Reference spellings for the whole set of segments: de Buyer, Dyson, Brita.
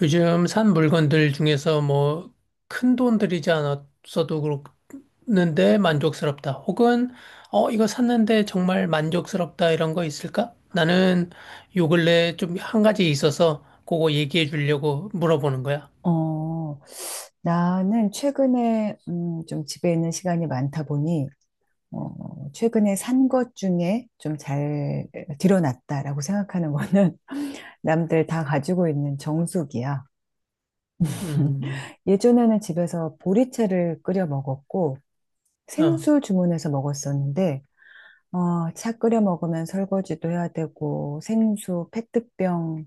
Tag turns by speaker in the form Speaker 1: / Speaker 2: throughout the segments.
Speaker 1: 요즘 산 물건들 중에서 뭐 큰돈 들이지 않았어도 그렇는데 만족스럽다. 혹은 이거 샀는데 정말 만족스럽다 이런 거 있을까? 나는 요 근래 좀 한 가지 있어서 그거 얘기해 주려고 물어보는 거야.
Speaker 2: 어, 나는 최근에 좀 집에 있는 시간이 많다 보니 최근에 산 것 중에 좀 잘 들여놨다라고 생각하는 거는 남들 다 가지고 있는 정수기야.
Speaker 1: 음.
Speaker 2: 예전에는 집에서 보리차를 끓여 먹었고
Speaker 1: 어.
Speaker 2: 생수 주문해서 먹었었는데 차 끓여 먹으면 설거지도 해야 되고 생수 페트병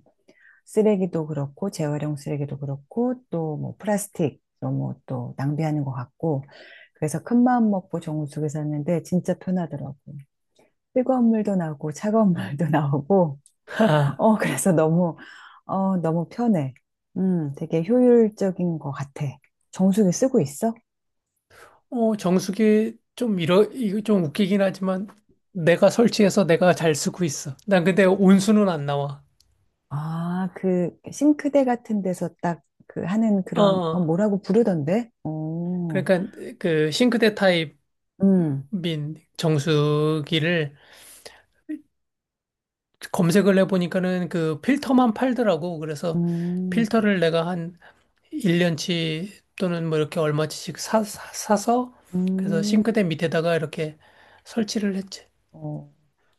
Speaker 2: 쓰레기도 그렇고 재활용 쓰레기도 그렇고 또 뭐 플라스틱 너무 또 낭비하는 것 같고 그래서 큰 마음 먹고 정우숙에 샀는데 진짜 편하더라고. 뜨거운 물도 나오고 차가운 물도 나오고
Speaker 1: 하하.
Speaker 2: 어 그래서 너무 어 너무 편해. 되게 효율적인 것 같아. 정수기 쓰고 있어?
Speaker 1: 정수기 좀 이러 이거 좀 웃기긴 하지만 내가 설치해서 내가 잘 쓰고 있어. 난 근데 온수는 안 나와.
Speaker 2: 아, 그 싱크대 같은 데서 딱 그 하는
Speaker 1: 어.
Speaker 2: 그런
Speaker 1: 어.
Speaker 2: 뭐라고 부르던데? 어,
Speaker 1: 그러니까 그 싱크대 타입
Speaker 2: 음,
Speaker 1: 민 정수기를 검색을 해보니까는 그 필터만 팔더라고. 그래서
Speaker 2: 음,
Speaker 1: 필터를 내가 한 1년치 또는 뭐 이렇게 얼마치씩 사서 그래서
Speaker 2: 음.
Speaker 1: 싱크대 밑에다가 이렇게 설치를 했지.
Speaker 2: 어,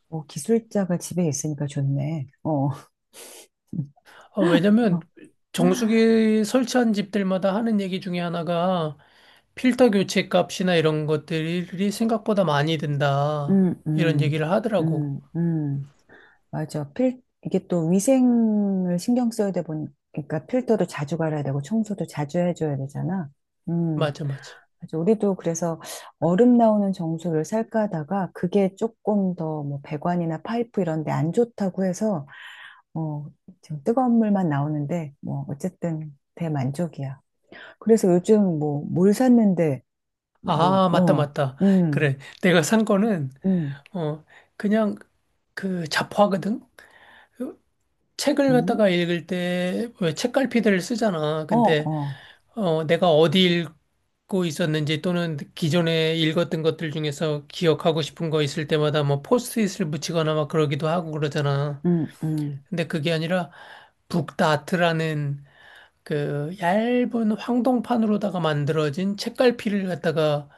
Speaker 2: 어, 기술자가 집에 있으니까 좋네. 어.
Speaker 1: 어, 왜냐면 정수기 설치한 집들마다 하는 얘기 중에 하나가 필터 교체 값이나 이런 것들이 생각보다 많이 든다.
Speaker 2: 음,
Speaker 1: 이런
Speaker 2: 음,
Speaker 1: 얘기를 하더라고.
Speaker 2: 음, 음. 맞아. 이게 또 위생을 신경 써야 돼 보니까 필터도 자주 갈아야 되고 청소도 자주 해줘야 되잖아. 음.
Speaker 1: 맞아, 맞아.
Speaker 2: 맞아. 우리도 그래서 얼음 나오는 정수를 살까 하다가 그게 조금 더 뭐 배관이나 파이프 이런 데 안 좋다고 해서 어, 지금 뜨거운 물만 나오는데 뭐 어쨌든 대만족이야. 그래서 요즘 뭐 물 샀는데 뭐,
Speaker 1: 아, 맞다,
Speaker 2: 어,
Speaker 1: 맞다.
Speaker 2: 음,
Speaker 1: 그래. 내가 산 거는
Speaker 2: 음,
Speaker 1: 어, 그냥 그 잡화거든? 그 책을
Speaker 2: 음,
Speaker 1: 갖다가 읽을 때 왜 책갈피들을 쓰잖아.
Speaker 2: 어,
Speaker 1: 근데
Speaker 2: 어,
Speaker 1: 내가 어디 읽고 있었는지 또는 기존에 읽었던 것들 중에서 기억하고 싶은 거 있을 때마다 뭐 포스트잇을 붙이거나 막 그러기도 하고 그러잖아.
Speaker 2: 음, 음,
Speaker 1: 근데 그게 아니라 북다트라는 그 얇은 황동판으로다가 만들어진 책갈피를 갖다가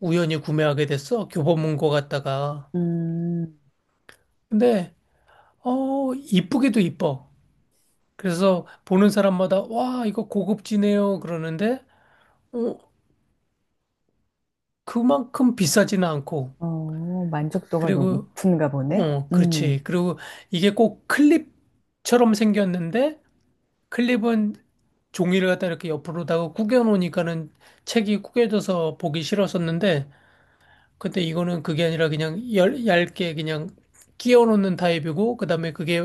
Speaker 1: 우연히 구매하게 됐어. 교보문고 갔다가.
Speaker 2: 음,
Speaker 1: 근데 이쁘기도 이뻐. 그래서 보는 사람마다 와, 이거 고급지네요. 그러는데 어, 그만큼 비싸지는 않고
Speaker 2: 어, 만족도가
Speaker 1: 그리고
Speaker 2: 높은가 보네.
Speaker 1: 어, 그렇지. 그리고 이게 꼭 클립처럼 생겼는데 클립은 종이를 갖다 이렇게 옆으로다가 구겨 놓으니까는 책이 구겨져서 보기 싫었었는데 근데 이거는 그게 아니라 그냥 얇게 그냥 끼워 놓는 타입이고 그다음에 그게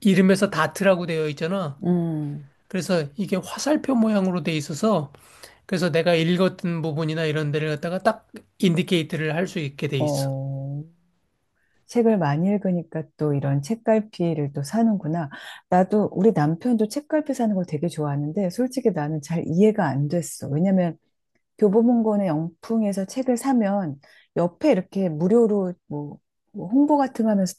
Speaker 1: 이름에서 다트라고 되어 있잖아.
Speaker 2: 음,
Speaker 1: 그래서 이게 화살표 모양으로 돼 있어서 그래서 내가 읽었던 부분이나 이런 데를 갖다가 딱 인디케이트를 할 수 있게 돼 있어.
Speaker 2: 어, 책을 많이 읽으니까 또 이런 책갈피를 또 사는구나. 나도, 우리 남편도 책갈피 사는 걸 되게 좋아하는데, 솔직히 나는 잘 이해가 안 됐어. 왜냐면 교보문고는 영풍에서 책을 사면 옆에 이렇게 무료로 뭐, 뭐 홍보 같은 거 하면서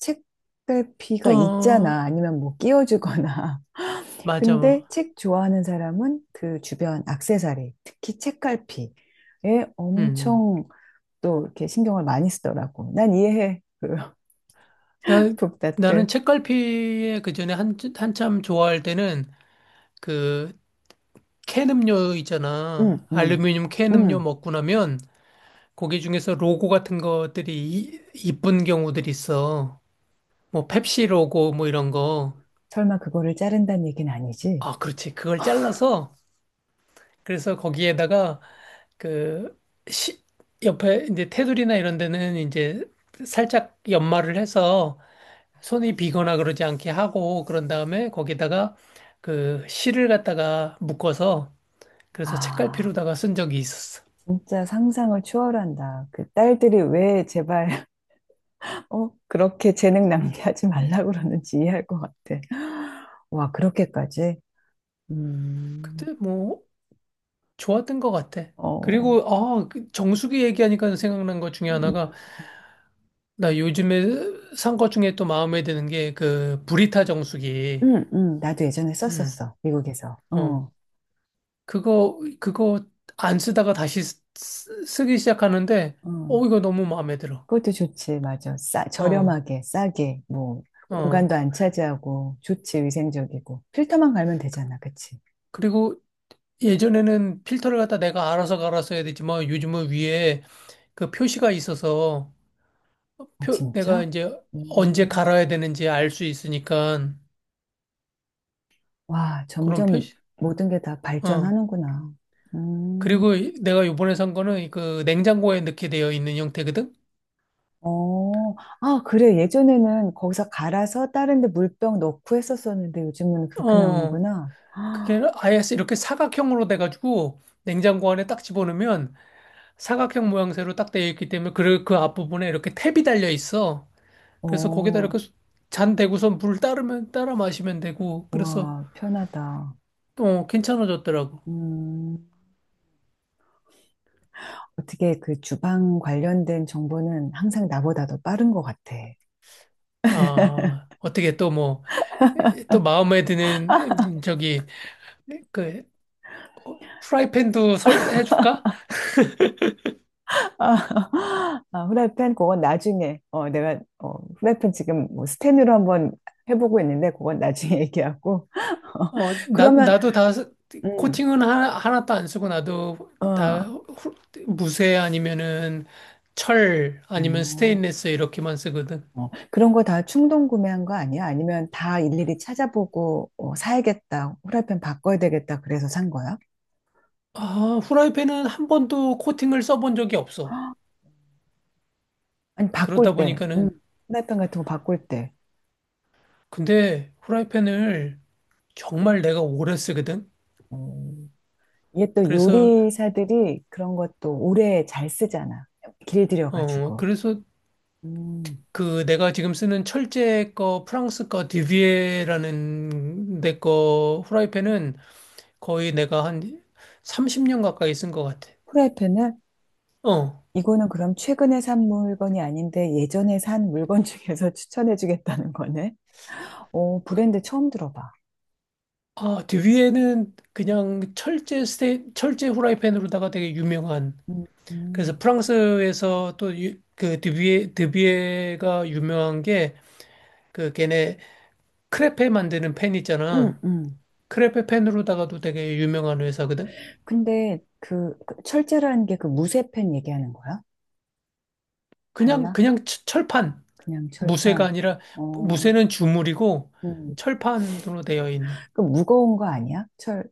Speaker 2: 책갈피가
Speaker 1: 어,
Speaker 2: 있잖아. 아니면 뭐 끼워주거나.
Speaker 1: 맞아,
Speaker 2: 근데
Speaker 1: 뭐.
Speaker 2: 책 좋아하는 사람은 그 주변 액세서리, 특히 책갈피에
Speaker 1: 음.
Speaker 2: 엄청 또 이렇게 신경을 많이 쓰더라고. 난 이해해. 그
Speaker 1: 나,
Speaker 2: 북다트.
Speaker 1: 나는 책갈피에 그 전에 한참 좋아할 때는 그 캔 음료 있잖아.
Speaker 2: 응, 응,
Speaker 1: 알루미늄 캔 음료
Speaker 2: 응.
Speaker 1: 먹고 나면 거기 중에서 로고 같은 것들이 이쁜 경우들이 있어. 뭐 펩시 로고 뭐 이런 거.
Speaker 2: 설마 그거를 자른다는 얘기는 아니지?
Speaker 1: 아, 그렇지. 그걸 잘라서 그래서 거기에다가 그 시, 옆에 이제 테두리나 이런 데는 이제 살짝 연마를 해서 손이 비거나 그러지 않게 하고 그런 다음에 거기다가 그 실을 갖다가 묶어서 그래서
Speaker 2: 아,
Speaker 1: 책갈피로다가 쓴 적이 있었어.
Speaker 2: 진짜 상상을 초월한다. 그 딸들이 왜 제발 그렇게 재능 낭비하지 말라고 그러는지 이해할 것 같아. 와, 그렇게까지? 음,
Speaker 1: 그때 뭐 좋았던 것 같아.
Speaker 2: 어,
Speaker 1: 그리고 아그 정수기 얘기하니까 생각난 것 중에
Speaker 2: 음,
Speaker 1: 하나가 나 요즘에 산 것 중에 또 마음에 드는 게 그 브리타 정수기.
Speaker 2: 나도 예전에
Speaker 1: 음.
Speaker 2: 썼었어, 미국에서.
Speaker 1: 어.
Speaker 2: 어,
Speaker 1: 그거 안 쓰다가 쓰기 시작하는데,
Speaker 2: 어.
Speaker 1: 어, 이거 너무 마음에 들어.
Speaker 2: 그것도 좋지, 맞아. 싸,
Speaker 1: 어,
Speaker 2: 저렴하게, 싸게, 뭐,
Speaker 1: 어.
Speaker 2: 공간도 안 차지하고, 좋지, 위생적이고. 필터만 갈면 되잖아, 그치?
Speaker 1: 그리고 예전에는 필터를 갖다 내가 알아서 갈아서 해야 되지만 요즘은 위에 그 표시가 있어서
Speaker 2: 어,
Speaker 1: 내가
Speaker 2: 진짜?
Speaker 1: 이제 언제
Speaker 2: 음,
Speaker 1: 갈아야 되는지 알 수 있으니까
Speaker 2: 와,
Speaker 1: 그런
Speaker 2: 점점
Speaker 1: 표시,
Speaker 2: 모든 게 다
Speaker 1: 어.
Speaker 2: 발전하는구나. 음.
Speaker 1: 그리고 내가 요번에 산 거는 그 냉장고에 넣게 되어 있는 형태거든?
Speaker 2: 어, 아, 그래. 예전에는 거기서 갈아서 다른 데 물병 넣고 했었었는데 요즘은 그렇게
Speaker 1: 어.
Speaker 2: 나오는구나.
Speaker 1: 그게
Speaker 2: 아,
Speaker 1: 아예 이렇게 사각형으로 돼가지고 냉장고 안에 딱 집어넣으면 사각형 모양새로 딱 되어 있기 때문에 그 앞부분에 이렇게 탭이 달려 있어. 그래서 거기다
Speaker 2: 어,
Speaker 1: 이렇게 잔 대고서 물 따르면 따라 마시면 되고 그래서
Speaker 2: 와, 편하다.
Speaker 1: 또 괜찮아졌더라고.
Speaker 2: 음, 어떻게 그 주방 관련된 정보는 항상 나보다 더 빠른 것 같아.
Speaker 1: 아, 어떻게 또 뭐, 또 마음에 드는 저기 그 프라이팬도 설 해줄까?
Speaker 2: 아, 아, 후라이팬 그건 나중에 어 내가 어 후라이팬 지금 뭐 스텐으로 한번 해보고 있는데 그건 나중에 얘기하고
Speaker 1: 어, 나
Speaker 2: 그러면
Speaker 1: 나도 다
Speaker 2: 음
Speaker 1: 코팅은 하나도 안 쓰고 나도
Speaker 2: 어.
Speaker 1: 무쇠 아니면은 철 아니면
Speaker 2: 어.
Speaker 1: 스테인리스 이렇게만 쓰거든.
Speaker 2: 어, 그런 거 다 충동 구매한 거 아니야? 아니면 다 일일이 찾아보고 어, 사야겠다, 후라이팬 바꿔야 되겠다, 그래서 산 거야?
Speaker 1: 아, 후라이팬은 한 번도 코팅을 써본 적이 없어.
Speaker 2: 헉, 아니,
Speaker 1: 그러다
Speaker 2: 바꿀 때,
Speaker 1: 보니까는,
Speaker 2: 후라이팬 같은 거 바꿀 때.
Speaker 1: 근데 후라이팬을 정말 내가 오래 쓰거든?
Speaker 2: 음, 이게 또
Speaker 1: 그래서,
Speaker 2: 요리사들이 그런 것도 오래 잘 쓰잖아.
Speaker 1: 어,
Speaker 2: 길들여가지고.
Speaker 1: 그래서
Speaker 2: 음,
Speaker 1: 그 내가 지금 쓰는 철제 거, 프랑스 거, 디비에라는 내거 후라이팬은 거의 내가 한 30년 가까이 쓴 것 같아.
Speaker 2: 후라이팬을
Speaker 1: 어.
Speaker 2: 이거는 그럼 최근에 산 물건이 아닌데 예전에 산 물건 중에서 추천해주겠다는 거네. 어, 브랜드 처음 들어봐.
Speaker 1: 아, 디비에는 그냥 철제 후라이팬으로다가 되게 유명한
Speaker 2: 음,
Speaker 1: 그래서
Speaker 2: 음,
Speaker 1: 프랑스에서 또그 드뷔에가 유명한 게 그 걔네 크레페 만드는 펜 있잖아.
Speaker 2: 음.
Speaker 1: 크레페 펜으로다가도 되게 유명한 회사거든.
Speaker 2: 근데 그 철제라는 게 그 무쇠팬 얘기하는 거야? 달라?
Speaker 1: 그냥 철판
Speaker 2: 그냥
Speaker 1: 무쇠가
Speaker 2: 철판.
Speaker 1: 아니라
Speaker 2: 어,
Speaker 1: 무쇠는 주물이고
Speaker 2: 음.
Speaker 1: 철판으로 되어 있는.
Speaker 2: 그 무거운 거 아니야? 철,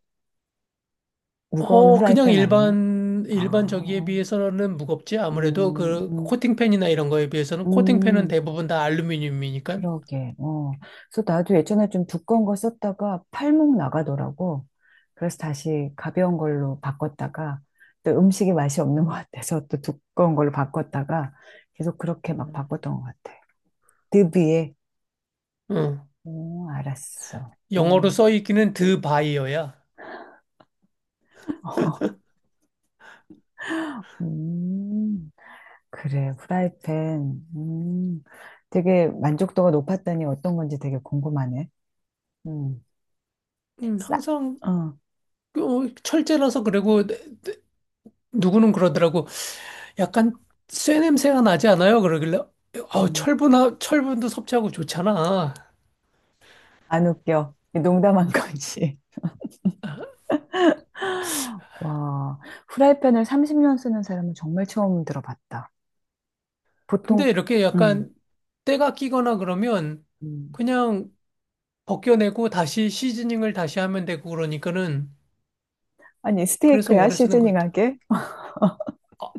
Speaker 2: 무거운
Speaker 1: 어 그냥
Speaker 2: 후라이팬 아니야?
Speaker 1: 일반 저기에
Speaker 2: 아,
Speaker 1: 비해서는 무겁지. 아무래도
Speaker 2: 음,
Speaker 1: 그
Speaker 2: 음,
Speaker 1: 코팅펜이나 이런 거에 비해서는 코팅펜은
Speaker 2: 음,
Speaker 1: 대부분 다 알루미늄이니까.
Speaker 2: 그러게. 어. 그래서 나도 예전에 좀 두꺼운 거 썼다가 팔목 나가더라고. 그래서 다시 가벼운 걸로 바꿨다가 또 음식이 맛이 없는 것 같아서 또 두꺼운 걸로 바꿨다가 계속 그렇게 막
Speaker 1: 음.
Speaker 2: 바꿨던 것 같아. 드비에
Speaker 1: 어,
Speaker 2: 오, 알았어.
Speaker 1: 영어로
Speaker 2: 음.
Speaker 1: 써 있기는 드 바이어야.
Speaker 2: 음, 그래, 프라이팬. 되게 만족도가 높았다니 어떤 건지 되게 궁금하네. 음, 싸,
Speaker 1: 항상
Speaker 2: 어,
Speaker 1: 어, 철제라서 그리고 내- 누구는 그러더라고. 약간 쇠 냄새가 나지 않아요? 그러길래 어,
Speaker 2: 음,
Speaker 1: 철분도 섭취하고 좋잖아.
Speaker 2: 안 웃겨. 농담한 거지. 와, 프라이팬을 30년 쓰는 사람은 정말 처음 들어봤다.
Speaker 1: 근데
Speaker 2: 보통,
Speaker 1: 이렇게
Speaker 2: 음,
Speaker 1: 약간 때가 끼거나 그러면
Speaker 2: 음.
Speaker 1: 그냥 벗겨내고 다시 시즈닝을 다시 하면 되고 그러니까는
Speaker 2: 아니,
Speaker 1: 그래서
Speaker 2: 스테이크야?
Speaker 1: 오래 쓰는 것 같아.
Speaker 2: 시즈닝하게?
Speaker 1: 아,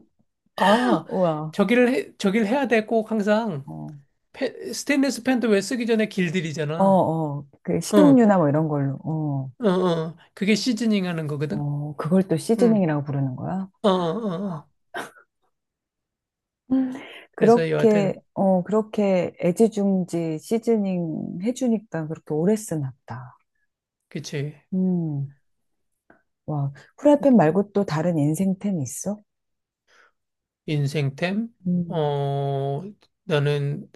Speaker 1: 아,
Speaker 2: 우와.
Speaker 1: 저기를 해야 돼 꼭 항상.
Speaker 2: 어,
Speaker 1: 스테인리스 펜도 왜 쓰기 전에
Speaker 2: 어,
Speaker 1: 길들이잖아.
Speaker 2: 어. 그
Speaker 1: 어, 어,
Speaker 2: 식용유나 뭐 이런 걸로. 어,
Speaker 1: 어. 그게 시즈닝 하는 거거든.
Speaker 2: 어, 그걸 또
Speaker 1: 응.
Speaker 2: 시즈닝이라고 부르는 거야?
Speaker 1: 어, 어, 어.
Speaker 2: 음.
Speaker 1: 그래서
Speaker 2: 그렇게,
Speaker 1: 여하튼,
Speaker 2: 어, 그렇게 애지중지 시즈닝 해주니까 그렇게 오래 쓰나 보다.
Speaker 1: 그치.
Speaker 2: 음, 와. 프라이팬 말고 또 다른 인생템 있어?
Speaker 1: 인생템?
Speaker 2: 음,
Speaker 1: 어, 나는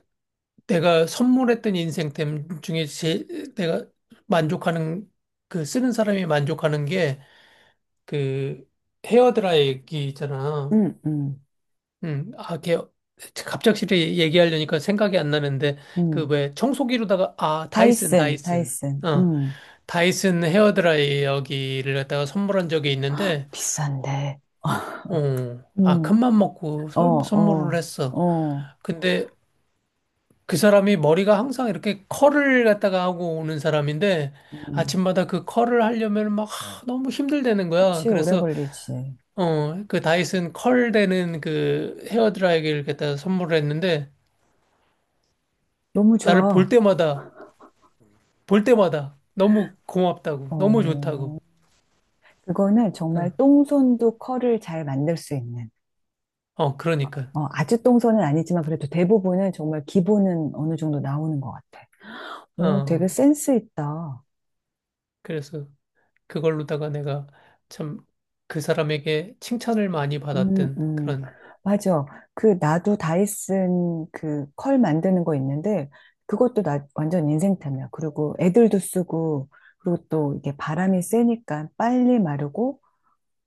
Speaker 1: 내가 선물했던 인생템 중에 내가 만족하는, 그 쓰는 사람이 만족하는 게 그 헤어드라이기 있잖아.
Speaker 2: 음, 음,
Speaker 1: 음, 아, 걔, 갑작스레 얘기하려니까 생각이 안 나는데, 그
Speaker 2: 음.
Speaker 1: 왜 청소기로다가, 아,
Speaker 2: 다이슨,
Speaker 1: 다이슨.
Speaker 2: 다이슨.
Speaker 1: 어, 다이슨 헤어드라이어기를 갖다가 선물한 적이 있는데,
Speaker 2: 비싼데.
Speaker 1: 어, 아,
Speaker 2: 음,
Speaker 1: 큰맘 먹고
Speaker 2: 어,
Speaker 1: 선물을
Speaker 2: 어,
Speaker 1: 했어.
Speaker 2: 어.
Speaker 1: 근데 그 사람이 머리가 항상 이렇게 컬을 갖다가 하고 오는 사람인데
Speaker 2: 음,
Speaker 1: 아침마다 그 컬을 하려면 막 하, 너무 힘들다는 거야.
Speaker 2: 그치, 오래
Speaker 1: 그래서
Speaker 2: 걸리지.
Speaker 1: 어, 그 다이슨 컬 되는 그 헤어드라이기를 갖다가 선물을 했는데
Speaker 2: 너무
Speaker 1: 나를
Speaker 2: 좋아.
Speaker 1: 볼 때마다 너무 고맙다고 너무
Speaker 2: 어,
Speaker 1: 좋다고.
Speaker 2: 그거는 정말
Speaker 1: 응.
Speaker 2: 똥손도 컬을 잘 만들 수 있는.
Speaker 1: 어, 그러니까.
Speaker 2: 어, 아주 똥손은 아니지만 그래도 대부분은 정말 기본은 어느 정도 나오는 것 같아. 오, 되게
Speaker 1: 어,
Speaker 2: 센스 있다.
Speaker 1: 그래서 그걸로다가 내가 참 그 사람에게 칭찬을 많이
Speaker 2: 음,
Speaker 1: 받았던
Speaker 2: 음.
Speaker 1: 그런,
Speaker 2: 맞아. 그, 나도 다이슨 그 컬 만드는 거 있는데, 그것도 나 완전 인생템이야. 그리고 애들도 쓰고, 그리고 또 이게 바람이 세니까 빨리 마르고,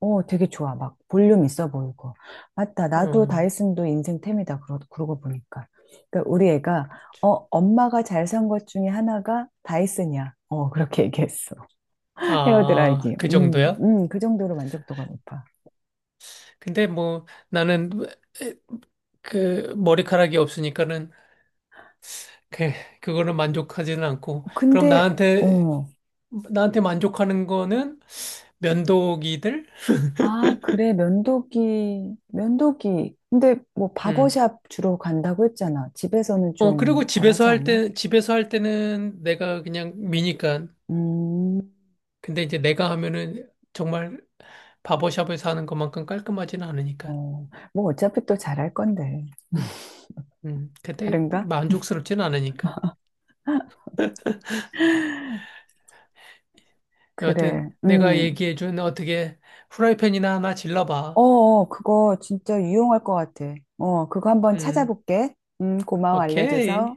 Speaker 2: 어, 되게 좋아. 막 볼륨 있어 보이고. 맞다. 나도
Speaker 1: 어,
Speaker 2: 다이슨도 인생템이다. 그러고 보니까. 그러니까 우리 애가 어, 엄마가 잘 산 것 중에 하나가 다이슨이야. 어, 그렇게 얘기했어.
Speaker 1: 아,
Speaker 2: 헤어드라이기.
Speaker 1: 그 정도야?
Speaker 2: 그 정도로 만족도가 높아.
Speaker 1: 근데 뭐 나는 그 머리카락이 없으니까는 그, 그거는 만족하지는 않고.
Speaker 2: 근데 어,
Speaker 1: 나한테 만족하는 거는 면도기들?
Speaker 2: 아, 그래. 면도기. 면도기. 근데 뭐
Speaker 1: 음.
Speaker 2: 바버샵 주로 간다고 했잖아. 집에서는
Speaker 1: 어, 그리고
Speaker 2: 좀 잘하지 않나?
Speaker 1: 집에서 할 때는 내가 그냥 미니까.
Speaker 2: 음.
Speaker 1: 근데 이제 내가 하면은 정말 바버샵에서 하는 것만큼 깔끔하지는 않으니까.
Speaker 2: 어, 뭐 어차피 또 잘할 건데.
Speaker 1: 그때
Speaker 2: 다른가?
Speaker 1: 만족스럽진 않으니까. 여하튼
Speaker 2: 그래.
Speaker 1: 내가
Speaker 2: 음.
Speaker 1: 얘기해준 어떻게 후라이팬이나 하나 질러봐.
Speaker 2: 어어, 그거 진짜 유용할 것 같아. 어, 그거 한번
Speaker 1: 음,
Speaker 2: 찾아볼게. 고마워, 알려줘서.
Speaker 1: 오케이.